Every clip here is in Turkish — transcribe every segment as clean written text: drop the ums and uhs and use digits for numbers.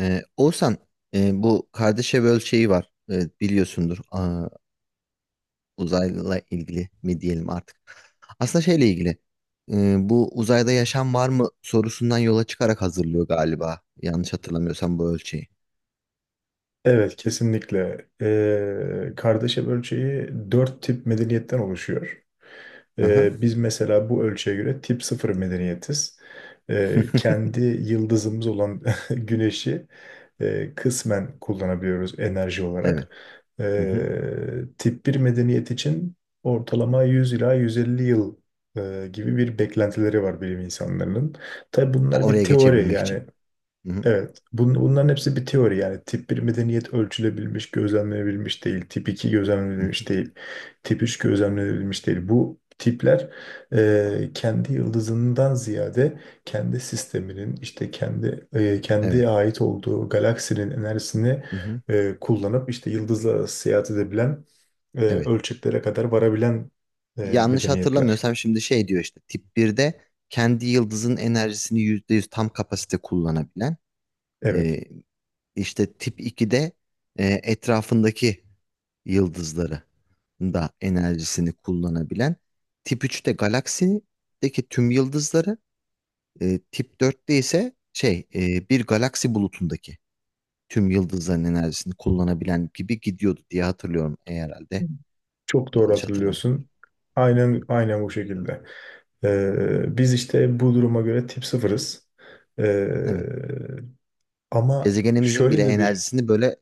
Oğuzhan, bu Kardashev ölçeği var. Biliyorsundur. Uzayla ilgili mi diyelim artık. Aslında şeyle ilgili. Bu uzayda yaşam var mı sorusundan yola çıkarak hazırlıyor galiba. Yanlış hatırlamıyorsam bu ölçeği. Evet, kesinlikle. Kardeşev ölçeği dört tip medeniyetten oluşuyor. Hı hı. Biz mesela bu ölçüye göre tip sıfır medeniyetiz. Kendi yıldızımız olan güneşi kısmen kullanabiliyoruz enerji olarak. Evet. Hı hı. Ee, tip bir medeniyet için ortalama 100 ila 150 yıl gibi bir beklentileri var bilim insanlarının. Tabii Ha, bunlar bir oraya teori, geçebilmek için. yani Hı hı. evet. Bunların hepsi bir teori yani. Tip bir medeniyet ölçülebilmiş, gözlemlenebilmiş değil. Tip 2 Hı gözlemlenebilmiş hı. değil. Tip 3 gözlemlenebilmiş değil. Bu tipler kendi yıldızından ziyade kendi sisteminin işte kendi Evet. kendi ait olduğu galaksinin enerjisini Hı hı. Kullanıp işte yıldızla arası seyahat edebilen Evet. ölçeklere kadar varabilen Yanlış medeniyetler. hatırlamıyorsam şimdi şey diyor işte tip birde kendi yıldızın enerjisini %100 tam kapasite kullanabilen, Evet. e, İşte tip 2'de etrafındaki yıldızları da enerjisini kullanabilen. Tip 3'te galaksideki tüm yıldızları, tip 4'te ise şey, bir galaksi bulutundaki tüm yıldızların enerjisini kullanabilen gibi gidiyordu diye hatırlıyorum herhalde. Çok doğru Yanlış hatırlamıyorum. hatırlıyorsun. Aynen aynen bu şekilde. Biz işte bu duruma göre tip sıfırız. Ee, Evet. ama Gezegenimizin bile şöyle de bir enerjisini böyle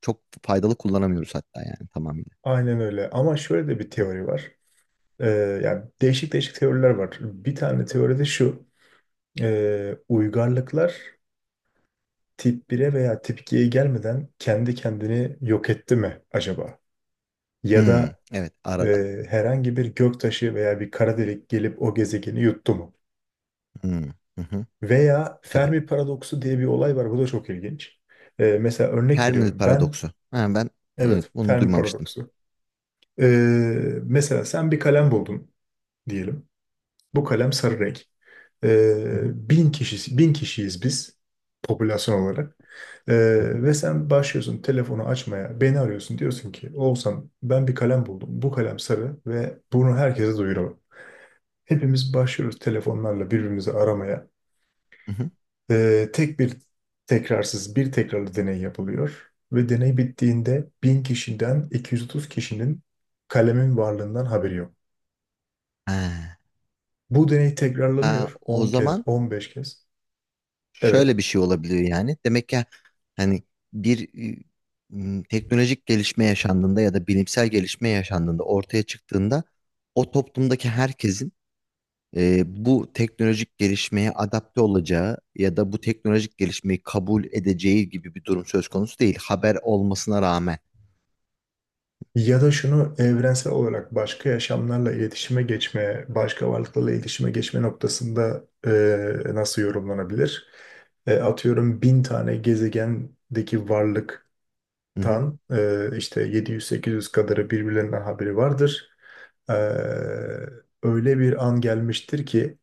çok faydalı kullanamıyoruz hatta yani tamamıyla. aynen öyle, ama şöyle de bir Hı. teori var. Ee, yani değişik değişik teoriler var. Bir tane teoride şu: uygarlıklar tip bir'e veya tip 2'ye gelmeden kendi kendini yok etti mi acaba? Ya Hmm, da evet arada. Herhangi bir göktaşı veya bir kara delik gelip o gezegeni yuttu mu? Hmm, hı hı, Veya tabii. Fermi paradoksu diye bir olay var. Bu da çok ilginç. Mesela örnek Fermi veriyorum. Ben, paradoksu. Ha, ben, evet, evet, bunu Fermi duymamıştım. paradoksu. Ee, mesela sen bir kalem buldun diyelim. Bu kalem sarı renk. Hı Ee, hı, bin kişi, bin kişiyiz biz popülasyon olarak. Hı hı, Ve sen başlıyorsun telefonu açmaya, beni arıyorsun. Diyorsun ki Oğuzhan, ben bir kalem buldum. Bu kalem sarı ve bunu herkese duyuralım. Hepimiz başlıyoruz telefonlarla birbirimizi aramaya. hı hı. Ee, tek bir tekrarsız bir tekrarlı deney yapılıyor ve deney bittiğinde 1000 kişiden 230 kişinin kalemin varlığından haberi yok. Ha. Bu deney Ha, tekrarlanıyor o 10 kez, zaman 15 kez. Evet. şöyle bir şey olabiliyor yani. Demek ki hani bir, e, teknolojik gelişme yaşandığında ya da bilimsel gelişme yaşandığında ortaya çıktığında o toplumdaki herkesin bu teknolojik gelişmeye adapte olacağı ya da bu teknolojik gelişmeyi kabul edeceği gibi bir durum söz konusu değil. Haber olmasına rağmen. Ya da şunu evrensel olarak başka yaşamlarla iletişime geçme, başka varlıklarla iletişime geçme noktasında nasıl yorumlanabilir? Atıyorum bin tane gezegendeki varlık Hı hı. tan işte 700-800 kadarı birbirlerinden haberi vardır. E, öyle bir an gelmiştir ki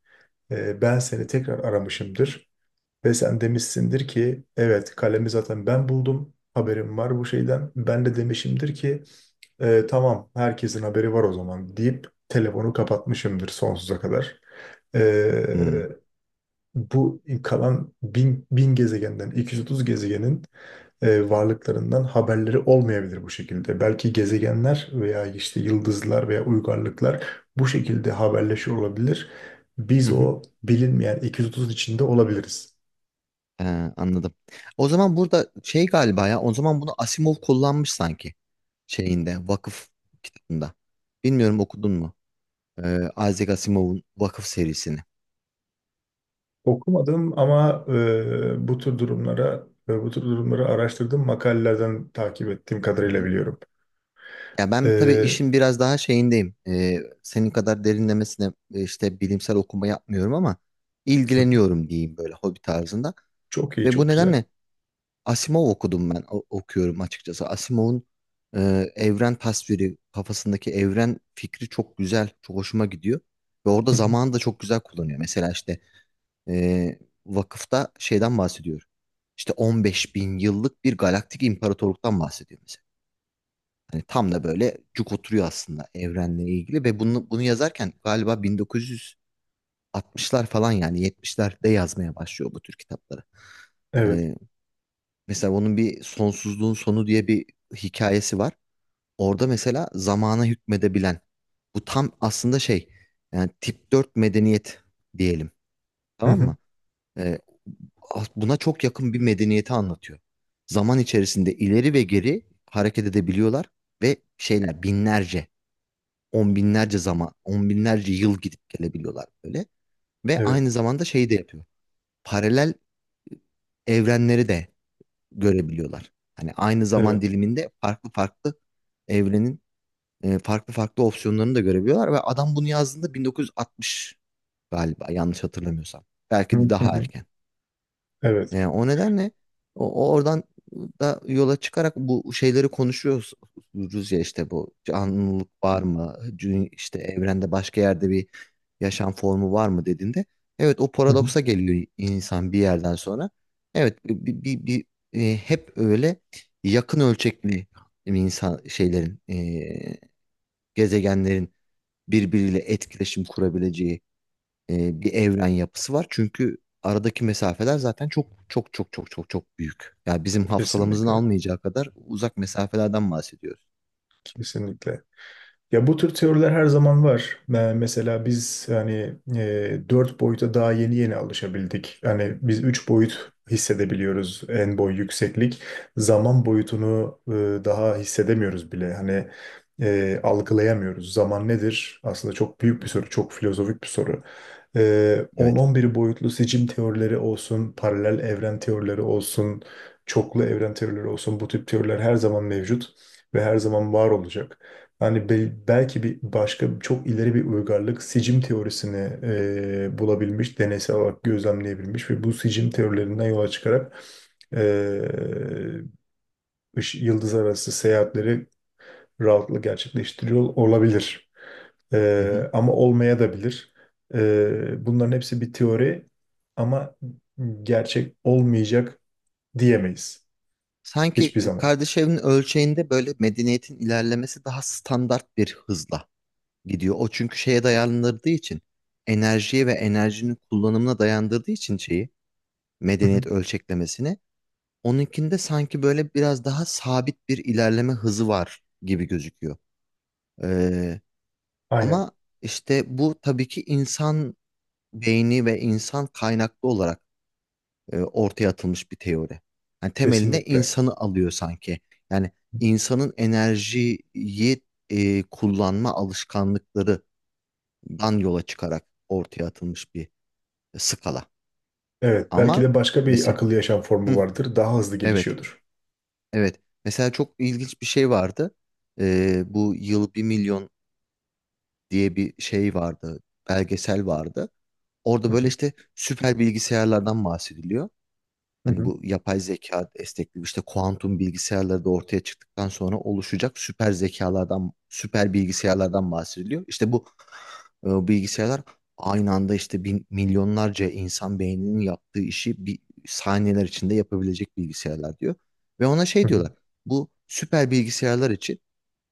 ben seni tekrar aramışımdır ve sen demişsindir ki evet, kalemi zaten ben buldum. Haberim var bu şeyden. Ben de demişimdir ki tamam, herkesin haberi var o zaman" deyip telefonu kapatmışımdır sonsuza kadar. Hı hı. E, bu kalan bin, bin gezegenden 230 gezegenin varlıklarından haberleri olmayabilir bu şekilde. Belki gezegenler veya işte yıldızlar veya uygarlıklar bu şekilde haberleşiyor olabilir. Biz Hı. o bilinmeyen 230 içinde olabiliriz. Ee, Anladım. O zaman burada şey galiba, ya o zaman bunu Asimov kullanmış sanki şeyinde vakıf kitabında. Bilmiyorum, okudun mu? Isaac Asimov'un Vakıf serisini. Okumadım ama bu tür durumları araştırdığım makalelerden takip ettiğim Hı kadarıyla hı. biliyorum. Ya ben tabii E, işin biraz daha şeyindeyim. Senin kadar derinlemesine işte bilimsel okuma yapmıyorum ama ilgileniyorum diyeyim böyle hobi tarzında. çok iyi, Ve bu çok güzel. nedenle Asimov okudum ben, okuyorum açıkçası. Asimov'un e, evren tasviri, kafasındaki evren fikri çok güzel, çok hoşuma gidiyor. Ve orada Evet. zamanı da çok güzel kullanıyor. Mesela işte, e, vakıfta şeyden bahsediyor. İşte 15 bin yıllık bir galaktik imparatorluktan bahsediyor mesela. Hani tam da böyle cuk oturuyor aslında evrenle ilgili ve bunu yazarken galiba 1960'lar falan, yani 70'lerde yazmaya başlıyor bu tür kitapları. Evet. Ee, Mesela onun bir Sonsuzluğun Sonu diye bir hikayesi var. Orada mesela zamana hükmedebilen, bu tam aslında şey, yani tip 4 medeniyet diyelim, Hı tamam hı. mı? Buna çok yakın bir medeniyeti anlatıyor. Zaman içerisinde ileri ve geri hareket edebiliyorlar ve şeyler binlerce, on binlerce zaman, on binlerce yıl gidip gelebiliyorlar böyle. Ve Evet. aynı zamanda şeyi de yapıyor. Paralel e, evrenleri de görebiliyorlar. Hani aynı zaman Evet. diliminde farklı farklı evrenin farklı farklı opsiyonlarını da görebiliyorlar ve adam bunu yazdığında 1960, galiba yanlış hatırlamıyorsam. Hı Belki de daha hı. erken. Evet. Yani o nedenle o oradan da yola çıkarak bu şeyleri konuşuyoruz, ya işte bu canlılık var mı? İşte evrende başka yerde bir yaşam formu var mı dediğinde, evet, o Hı hı. paradoksa geliyor insan bir yerden sonra. Evet, hep öyle yakın ölçekli insan şeylerin, gezegenlerin birbiriyle etkileşim kurabileceği bir evren yapısı var. Çünkü aradaki mesafeler zaten çok çok çok çok çok çok büyük. Yani bizim hafsalamızın Kesinlikle. almayacağı kadar uzak mesafelerden bahsediyoruz. Kesinlikle. Ya bu tür teoriler her zaman var. Mesela biz hani dört boyuta daha yeni yeni alışabildik. Hani biz üç boyut hissedebiliyoruz: en, boy, yükseklik. Zaman boyutunu daha hissedemiyoruz bile. Hani algılayamıyoruz. Zaman nedir? Aslında çok büyük Hı bir hı. soru, çok filozofik bir soru. On Evet. on bir boyutlu seçim teorileri olsun, paralel evren teorileri olsun, çoklu evren teorileri olsun, bu tip teoriler her zaman mevcut ve her zaman var olacak. Yani belki bir başka çok ileri bir uygarlık sicim teorisini bulabilmiş, deneysel olarak gözlemleyebilmiş ve bu sicim teorilerinden yola çıkarak e, yıldız arası seyahatleri rahatlıkla gerçekleştiriyor olabilir. Hı hı. Ama olmaya da bilir. Bunların hepsi bir teori, ama gerçek olmayacak diyemeyiz. Sanki Hiçbir zaman. kardeş evinin ölçeğinde böyle medeniyetin ilerlemesi daha standart bir hızla gidiyor. O, çünkü şeye dayandırdığı için, enerjiye ve enerjinin kullanımına dayandırdığı için, şeyi, Hı hı. medeniyet ölçeklemesini, onunkinde sanki böyle biraz daha sabit bir ilerleme hızı var gibi gözüküyor. Ee, Aynen. Ama işte bu tabii ki insan beyni ve insan kaynaklı olarak ortaya atılmış bir teori. Yani temelinde Kesinlikle. insanı alıyor sanki. Yani insanın enerjiyi kullanma alışkanlıklarından yola çıkarak ortaya atılmış bir skala. Evet. Belki Ama de başka bir mesela akıllı yaşam formu hı, vardır. Daha hızlı evet. gelişiyordur. Evet. Mesela çok ilginç bir şey vardı. Bu Yıl Bir Milyon diye bir şey vardı. Belgesel vardı. Orada Hı böyle hı. işte süper bilgisayarlardan bahsediliyor. Hı Hani hı. bu yapay zeka destekli işte kuantum bilgisayarları da ortaya çıktıktan sonra oluşacak süper zekalardan, süper bilgisayarlardan bahsediliyor. İşte bu bilgisayarlar aynı anda işte bin, milyonlarca insan beyninin yaptığı işi bir saniyeler içinde yapabilecek bilgisayarlar diyor. Ve ona Hı şey hı. diyorlar. Bu süper bilgisayarlar için,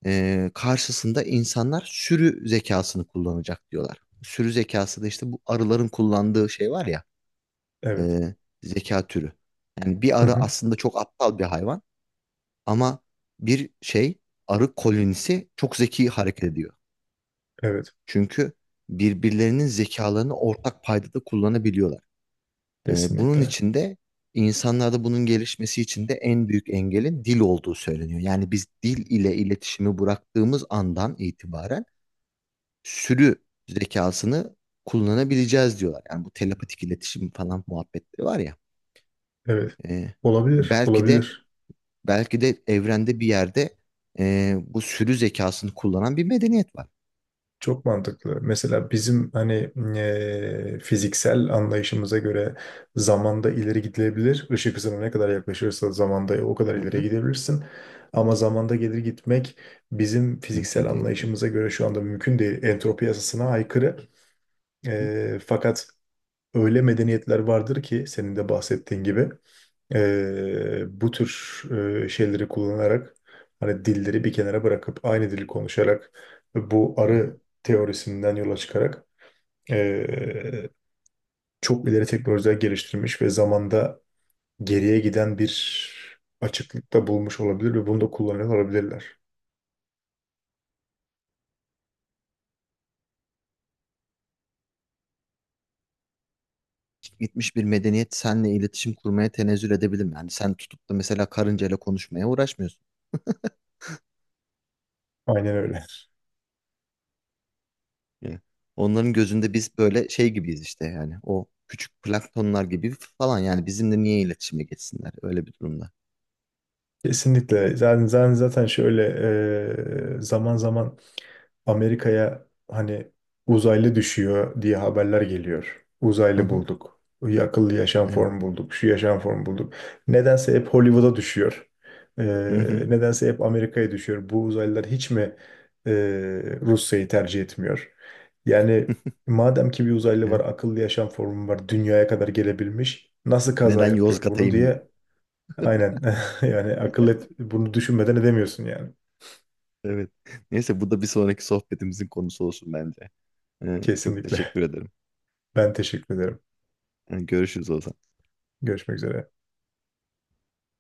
karşısında insanlar sürü zekasını kullanacak diyorlar. Sürü zekası da işte bu arıların kullandığı şey var ya, Evet. e, zeka türü. Yani bir Hı arı hı. aslında çok aptal bir hayvan ama bir şey arı kolonisi çok zeki hareket ediyor. Evet. Çünkü birbirlerinin zekalarını ortak paydada kullanabiliyorlar. Bunun Kesinlikle. için de, insanlarda bunun gelişmesi için de, en büyük engelin dil olduğu söyleniyor. Yani biz dil ile iletişimi bıraktığımız andan itibaren sürü zekasını kullanabileceğiz diyorlar. Yani bu telepatik iletişim falan muhabbetleri var ya. Evet. e, Olabilir. belki de Olabilir. Belki de evrende bir yerde bu sürü zekasını kullanan bir medeniyet var. Çok mantıklı. Mesela bizim hani fiziksel anlayışımıza göre zamanda ileri gidilebilir. Işık hızına ne kadar yaklaşırsa zamanda o kadar Hı ileri hı, gidebilirsin. Ama zamanda gelir gitmek bizim fiziksel mümkün değil diyor. anlayışımıza göre şu anda mümkün değil. Entropi yasasına aykırı. Hı Fakat öyle medeniyetler vardır ki senin de bahsettiğin gibi. Bu tür şeyleri kullanarak hani dilleri bir kenara bırakıp aynı dili konuşarak ve bu hı. Hı. arı teorisinden yola çıkarak e, çok ileri teknolojiler geliştirmiş ve zamanda geriye giden bir açıklıkta bulmuş olabilir ve bunu da kullanıyor olabilirler. Gitmiş bir medeniyet seninle iletişim kurmaya tenezzül edebilir mi? Yani sen tutup da mesela karıncayla konuşmaya uğraşmıyorsun. Aynen öyle. Yani onların gözünde biz böyle şey gibiyiz işte, yani o küçük planktonlar gibi falan, yani bizimle niye iletişime geçsinler öyle bir durumda. Kesinlikle. Zaten zaten zaten şöyle zaman zaman Amerika'ya hani uzaylı düşüyor diye haberler geliyor. Hı Uzaylı hı, bulduk. Akıllı yaşam evet. formu bulduk. Şu yaşam formu bulduk. Nedense hep Hollywood'a düşüyor. Ee, Hı hı, nedense hep Amerika'ya düşüyor. Bu uzaylılar hiç mi e, Rusya'yı tercih etmiyor? Yani madem ki bir uzaylı var, evet. akıllı yaşam formu var, dünyaya kadar gelebilmiş, nasıl kaza Neden yapıyor Yozgat'a bunu inmiyor? diye aynen yani akıl et, bunu düşünmeden edemiyorsun yani. Evet. Neyse bu da bir sonraki sohbetimizin konusu olsun bence. Çok Kesinlikle. teşekkür ederim. Ben teşekkür ederim. Görüşürüz o zaman. Görüşmek üzere.